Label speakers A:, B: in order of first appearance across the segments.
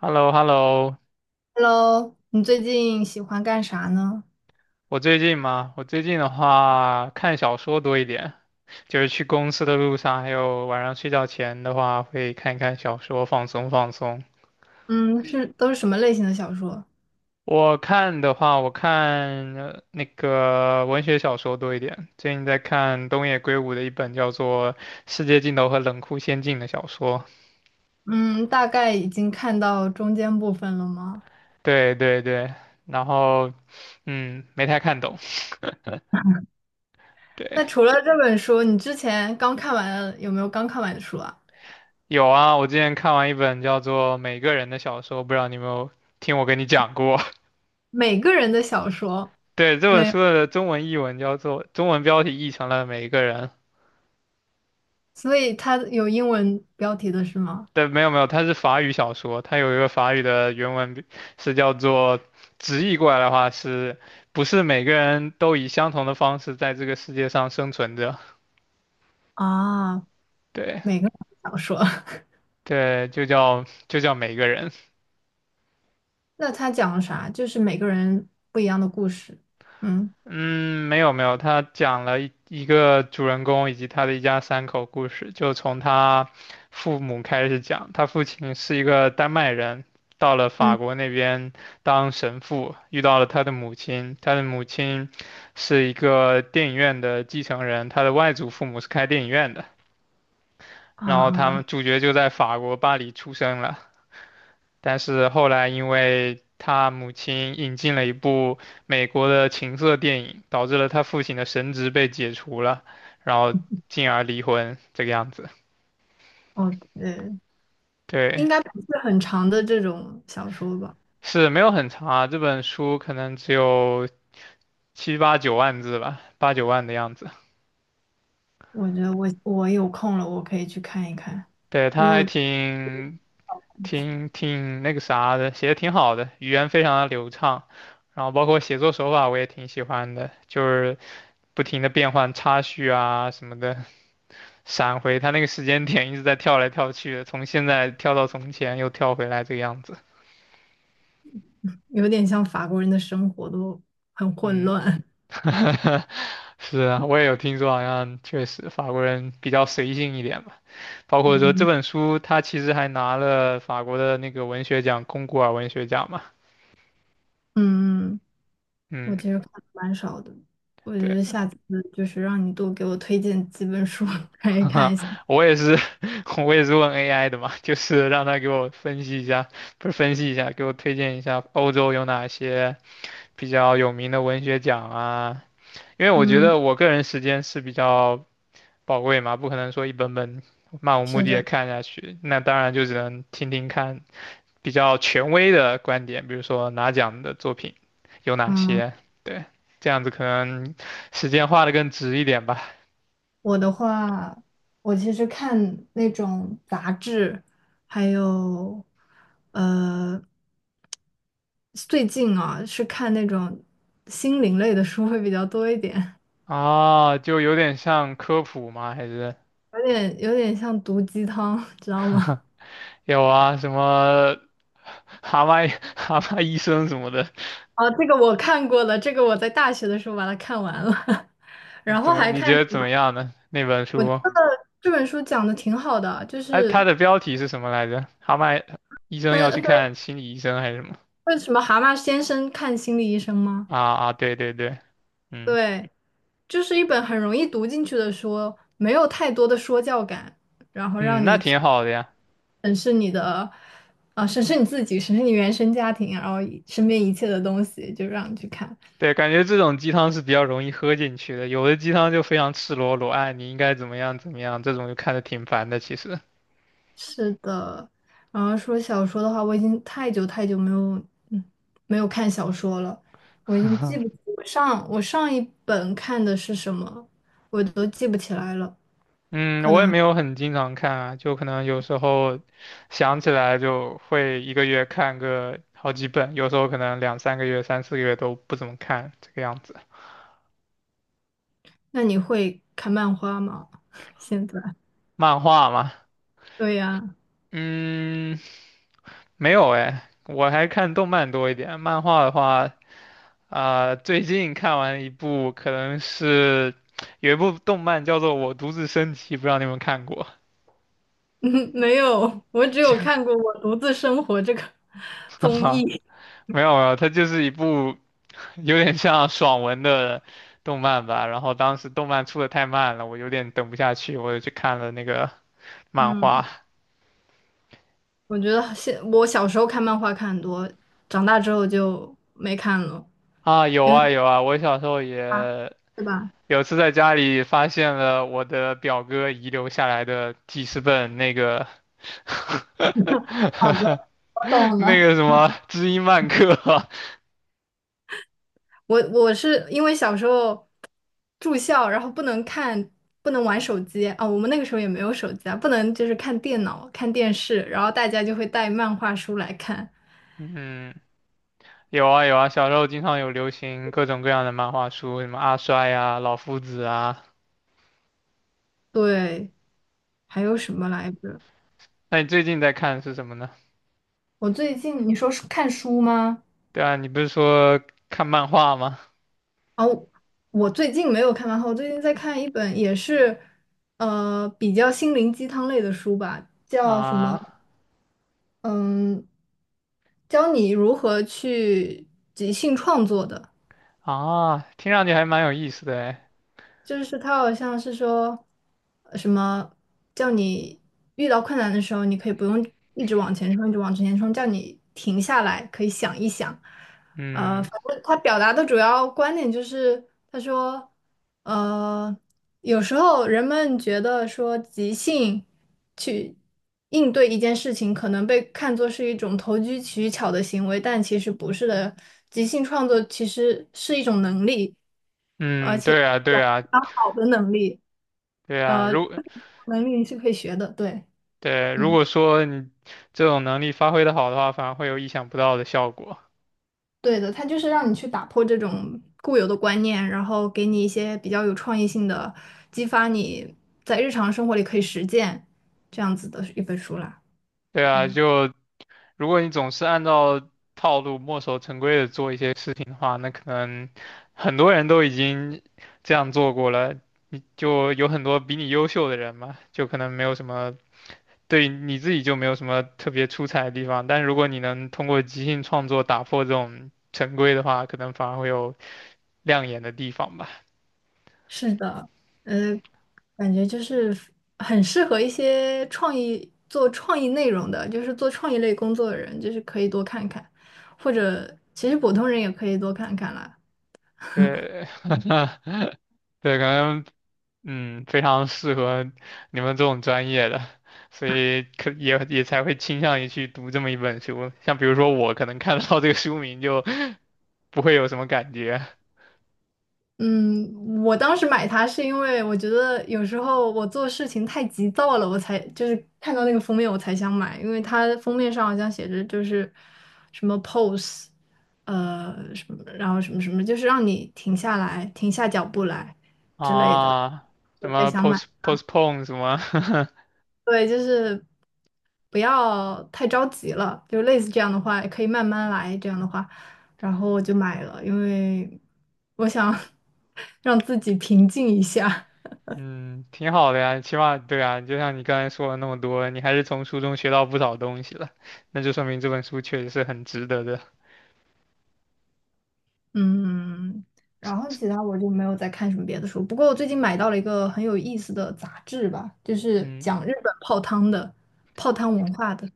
A: h e l l o h e l l o
B: Hello，你最近喜欢干啥呢？
A: 我最近嘛，我最近的话看小说多一点，就是去公司的路上，还有晚上睡觉前的话，会看一看小说，放松放松。
B: 嗯，是都是什么类型的小说？
A: 我看的话，我看那个文学小说多一点，最近在看东野圭吾的一本叫做《世界尽头和冷酷仙境》的小说。
B: 嗯，大概已经看到中间部分了吗？
A: 对对对，然后嗯，没太看懂。对，
B: 那除了这本书，你之前刚看完的有没有刚看完的书啊？
A: 有啊，我之前看完一本叫做《每个人的小说》，不知道你有没有听我跟你讲过？
B: 每个人的小说。
A: 对，这本
B: 没有，
A: 书的中文译文叫做，中文标题译成了《每一个人》。
B: 所以它有英文标题的是吗？
A: 对，没有没有，它是法语小说，它有一个法语的原文是叫做，直译过来的话是，不是每个人都以相同的方式在这个世界上生存着？
B: 啊，
A: 对
B: 每个人的小说，
A: 对，就叫每个人。
B: 那它讲了啥？就是每个人不一样的故事。嗯。
A: 嗯，没有没有，他讲了一个主人公以及他的一家三口故事，就从他父母开始讲。他父亲是一个丹麦人，到了法
B: 嗯
A: 国那边当神父，遇到了他的母亲。他的母亲是一个电影院的继承人，他的外祖父母是开电影院的。然后
B: 啊，
A: 他们主角就在法国巴黎出生了。但是后来因为他母亲引进了一部美国的情色电影，导致了他父亲的神职被解除了，然后进而离婚这个样子。
B: 哦，
A: 对，
B: 应该不是很长的这种小说吧？
A: 是没有很长啊，这本书可能只有七八九万字吧，八九万的样子。
B: 我觉得我有空了，我可以去看一看，
A: 对，
B: 因
A: 他
B: 为
A: 还
B: 我
A: 挺那个啥的，写的挺好的，语言非常的流畅，然后包括写作手法我也挺喜欢的，就是不停的变换插叙啊什么的。闪回，他那个时间点一直在跳来跳去的，从现在跳到从前，又跳回来这个样子。
B: 有点像法国人的生活都很混
A: 嗯，
B: 乱。
A: 是啊，我也有听说，好像确实法国人比较随性一点吧。包 括说这
B: 嗯。
A: 本书，他其实还拿了法国的那个文学奖——龚古尔文学奖嘛。
B: 嗯，我
A: 嗯，
B: 其实看的蛮少的，我觉
A: 对，
B: 得下次就是让你多给我推荐几本书 可以看一下。
A: 我也是，我也是问 AI 的嘛，就是让他给我分析一下，不是分析一下，给我推荐一下欧洲有哪些比较有名的文学奖啊。因为我觉
B: 嗯，
A: 得我个人时间是比较宝贵嘛，不可能说一本本漫无目
B: 是
A: 的
B: 这
A: 的
B: 样。
A: 看下去。那当然就只能听听看比较权威的观点，比如说拿奖的作品有哪
B: 嗯，
A: 些，对，这样子可能时间花的更值一点吧。
B: 我的话，我其实看那种杂志，还有呃，最近啊是看那种心灵类的书会比较多一点。
A: 啊，就有点像科普吗？还是
B: 有点像毒鸡汤，知道吗？
A: 有啊，什么蛤蟆 蛤蟆医生什么的，
B: 啊，这个我看过了，这个我在大学的时候把它看完了，然
A: 怎
B: 后
A: 么
B: 还
A: 你
B: 看
A: 觉得
B: 什
A: 怎
B: 么？
A: 么样呢？那本
B: 我觉
A: 书？
B: 得这本书讲的挺好的，就
A: 哎、它
B: 是
A: 的标题是什么来着？蛤蟆医生要去
B: 嗯，对，
A: 看心理医生还是什么？
B: 为什么蛤蟆先生看心理医生吗？
A: 啊啊，对对对，嗯
B: 对，就是一本很容易读进去的书，没有太多的说教感，然后
A: 嗯，
B: 让
A: 那
B: 你去
A: 挺好的呀。
B: 审视你的，啊、审视你自己，审视你原生家庭，然后一身边一切的东西，就让你去看。
A: 对，感觉这种鸡汤是比较容易喝进去的，有的鸡汤就非常赤裸裸，哎，你应该怎么样怎么样，这种就看的挺烦的。其实，
B: 是的，然后说小说的话，我已经太久太久没有，嗯，没有看小说了，我已经记不，我上一本看的是什么，我都记不起来了。
A: 嗯，我也没有很经常看啊，就可能有时候想起来就会一个月看个好几本，有时候可能两三个月、三四个月都不怎么看，这个样子。
B: 那你会看漫画吗？现在？
A: 漫画嘛，
B: 对呀，
A: 嗯，没有哎，我还看动漫多一点，漫画的话，啊、最近看完一部，可能是有一部动漫叫做《我独自升级》，不知道你有没有看过？
B: 嗯，没有，我只有看过《我独自生活》这个
A: 哈
B: 综
A: 哈
B: 艺。
A: 没有没有，它就是一部有点像爽文的动漫吧。然后当时动漫出的太慢了，我有点等不下去，我就去看了那个漫
B: 嗯，
A: 画。
B: 我觉得现我小时候看漫画看很多，长大之后就没看了，
A: 啊，有
B: 因
A: 啊
B: 为
A: 有啊，我小时候
B: 啊
A: 也
B: 是吧？
A: 有次在家里发现了我的表哥遗留下来的记事本，那个
B: 好的，我懂
A: 那
B: 了。
A: 个什么知音漫客，
B: 我是因为小时候住校，然后不能看，不能玩手机啊。我们那个时候也没有手机啊，不能就是看电脑、看电视，然后大家就会带漫画书来看。
A: 嗯，有啊有啊，小时候经常有流行各种各样的漫画书，什么阿衰啊、老夫子啊。
B: 对，还有什么来着？
A: 那你最近在看是什么呢？
B: 我最近你说是看书吗？
A: 对啊，你不是说看漫画吗？
B: 哦，我最近没有看漫画，我最近在看一本也是比较心灵鸡汤类的书吧，叫什么？
A: 啊
B: 嗯，教你如何去即兴创作的。
A: 啊，听上去还蛮有意思的哎。
B: 就是他好像是说什么叫你遇到困难的时候，你可以不用一直往前冲，一直往前冲，叫你停下来，可以想一想。
A: 嗯
B: 反正他表达的主要观点就是，他说，呃，有时候人们觉得说即兴去应对一件事情，可能被看作是一种投机取巧的行为，但其实不是的。即兴创作其实是一种能力。而
A: 嗯，
B: 且
A: 对啊
B: 有
A: 对啊
B: 非常好的能力，
A: 对啊，
B: 呃，能力你是可以学的，对，
A: 如
B: 嗯，
A: 果说你这种能力发挥的好的话，反而会有意想不到的效果。
B: 对的，它就是让你去打破这种固有的观念，然后给你一些比较有创意性的，激发你在日常生活里可以实践这样子的一本书啦。
A: 对啊，就如果你总是按照套路墨守成规的做一些事情的话，那可能很多人都已经这样做过了，你就有很多比你优秀的人嘛，就可能没有什么，对你自己就没有什么特别出彩的地方。但是如果你能通过即兴创作打破这种成规的话，可能反而会有亮眼的地方吧。
B: 是的，呃，感觉就是很适合一些创意做创意内容的，就是做创意类工作的人，就是可以多看看，或者其实普通人也可以多看看啦。
A: 对。对，可能嗯非常适合你们这种专业的，所以也才会倾向于去读这么一本书。像比如说我可能看到这个书名就不会有什么感觉
B: 嗯，我当时买它是因为我觉得有时候我做事情太急躁了，我才就是看到那个封面我才想买，因为它封面上好像写着就是什么 pose，什么，然后什么什么，就是让你停下来，停下脚步来之类的，
A: 啊，什
B: 我才
A: 么
B: 想买。
A: postpone 什么，
B: 对，就是不要太着急了，就类似这样的话，也可以慢慢来这样的话，然后我就买了，因为我想 让自己平静一下。
A: 嗯，挺好的呀，起码对啊，就像你刚才说了那么多，你还是从书中学到不少东西了，那就说明这本书确实是很值得的。
B: 嗯，然后其他我就没有再看什么别的书，不过我最近买到了一个很有意思的杂志吧，就是
A: 嗯，
B: 讲日本泡汤的，泡汤文化的。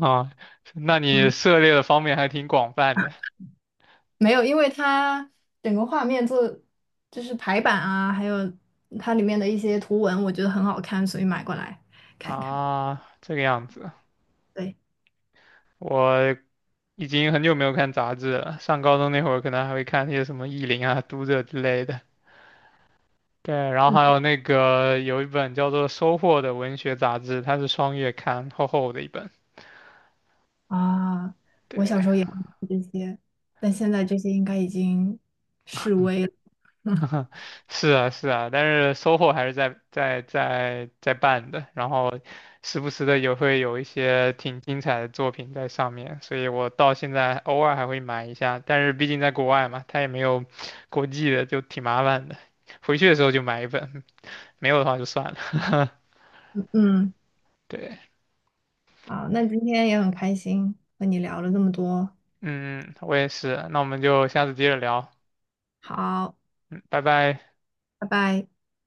A: 啊，那你
B: 嗯。
A: 涉猎的方面还挺广泛的。
B: 没有，因为它整个画面做就是排版啊，还有它里面的一些图文，我觉得很好看，所以买过来看一看。
A: 啊，这个样子，
B: 对，
A: 我已经很久没有看杂志了。上高中那会儿，可能还会看一些什么《意林》啊、《读者》之类的。对，然后
B: 嗯
A: 还有那个有一本叫做《收获》的文学杂志，它是双月刊，厚厚的一本。
B: 啊，我小
A: 对，
B: 时候也会看这些，但现在这些应该已经式微了。
A: 是啊，是啊，但是收获还是在办的，然后时不时的也会有一些挺精彩的作品在上面，所以我到现在偶尔还会买一下，但是毕竟在国外嘛，它也没有国际的，就挺麻烦的。回去的时候就买一本，没有的话就算了。
B: 嗯，
A: 对，
B: 好，那今天也很开心和你聊了这么多，
A: 嗯，我也是，那我们就下次接着聊，
B: 好，
A: 嗯，拜拜。
B: 拜拜。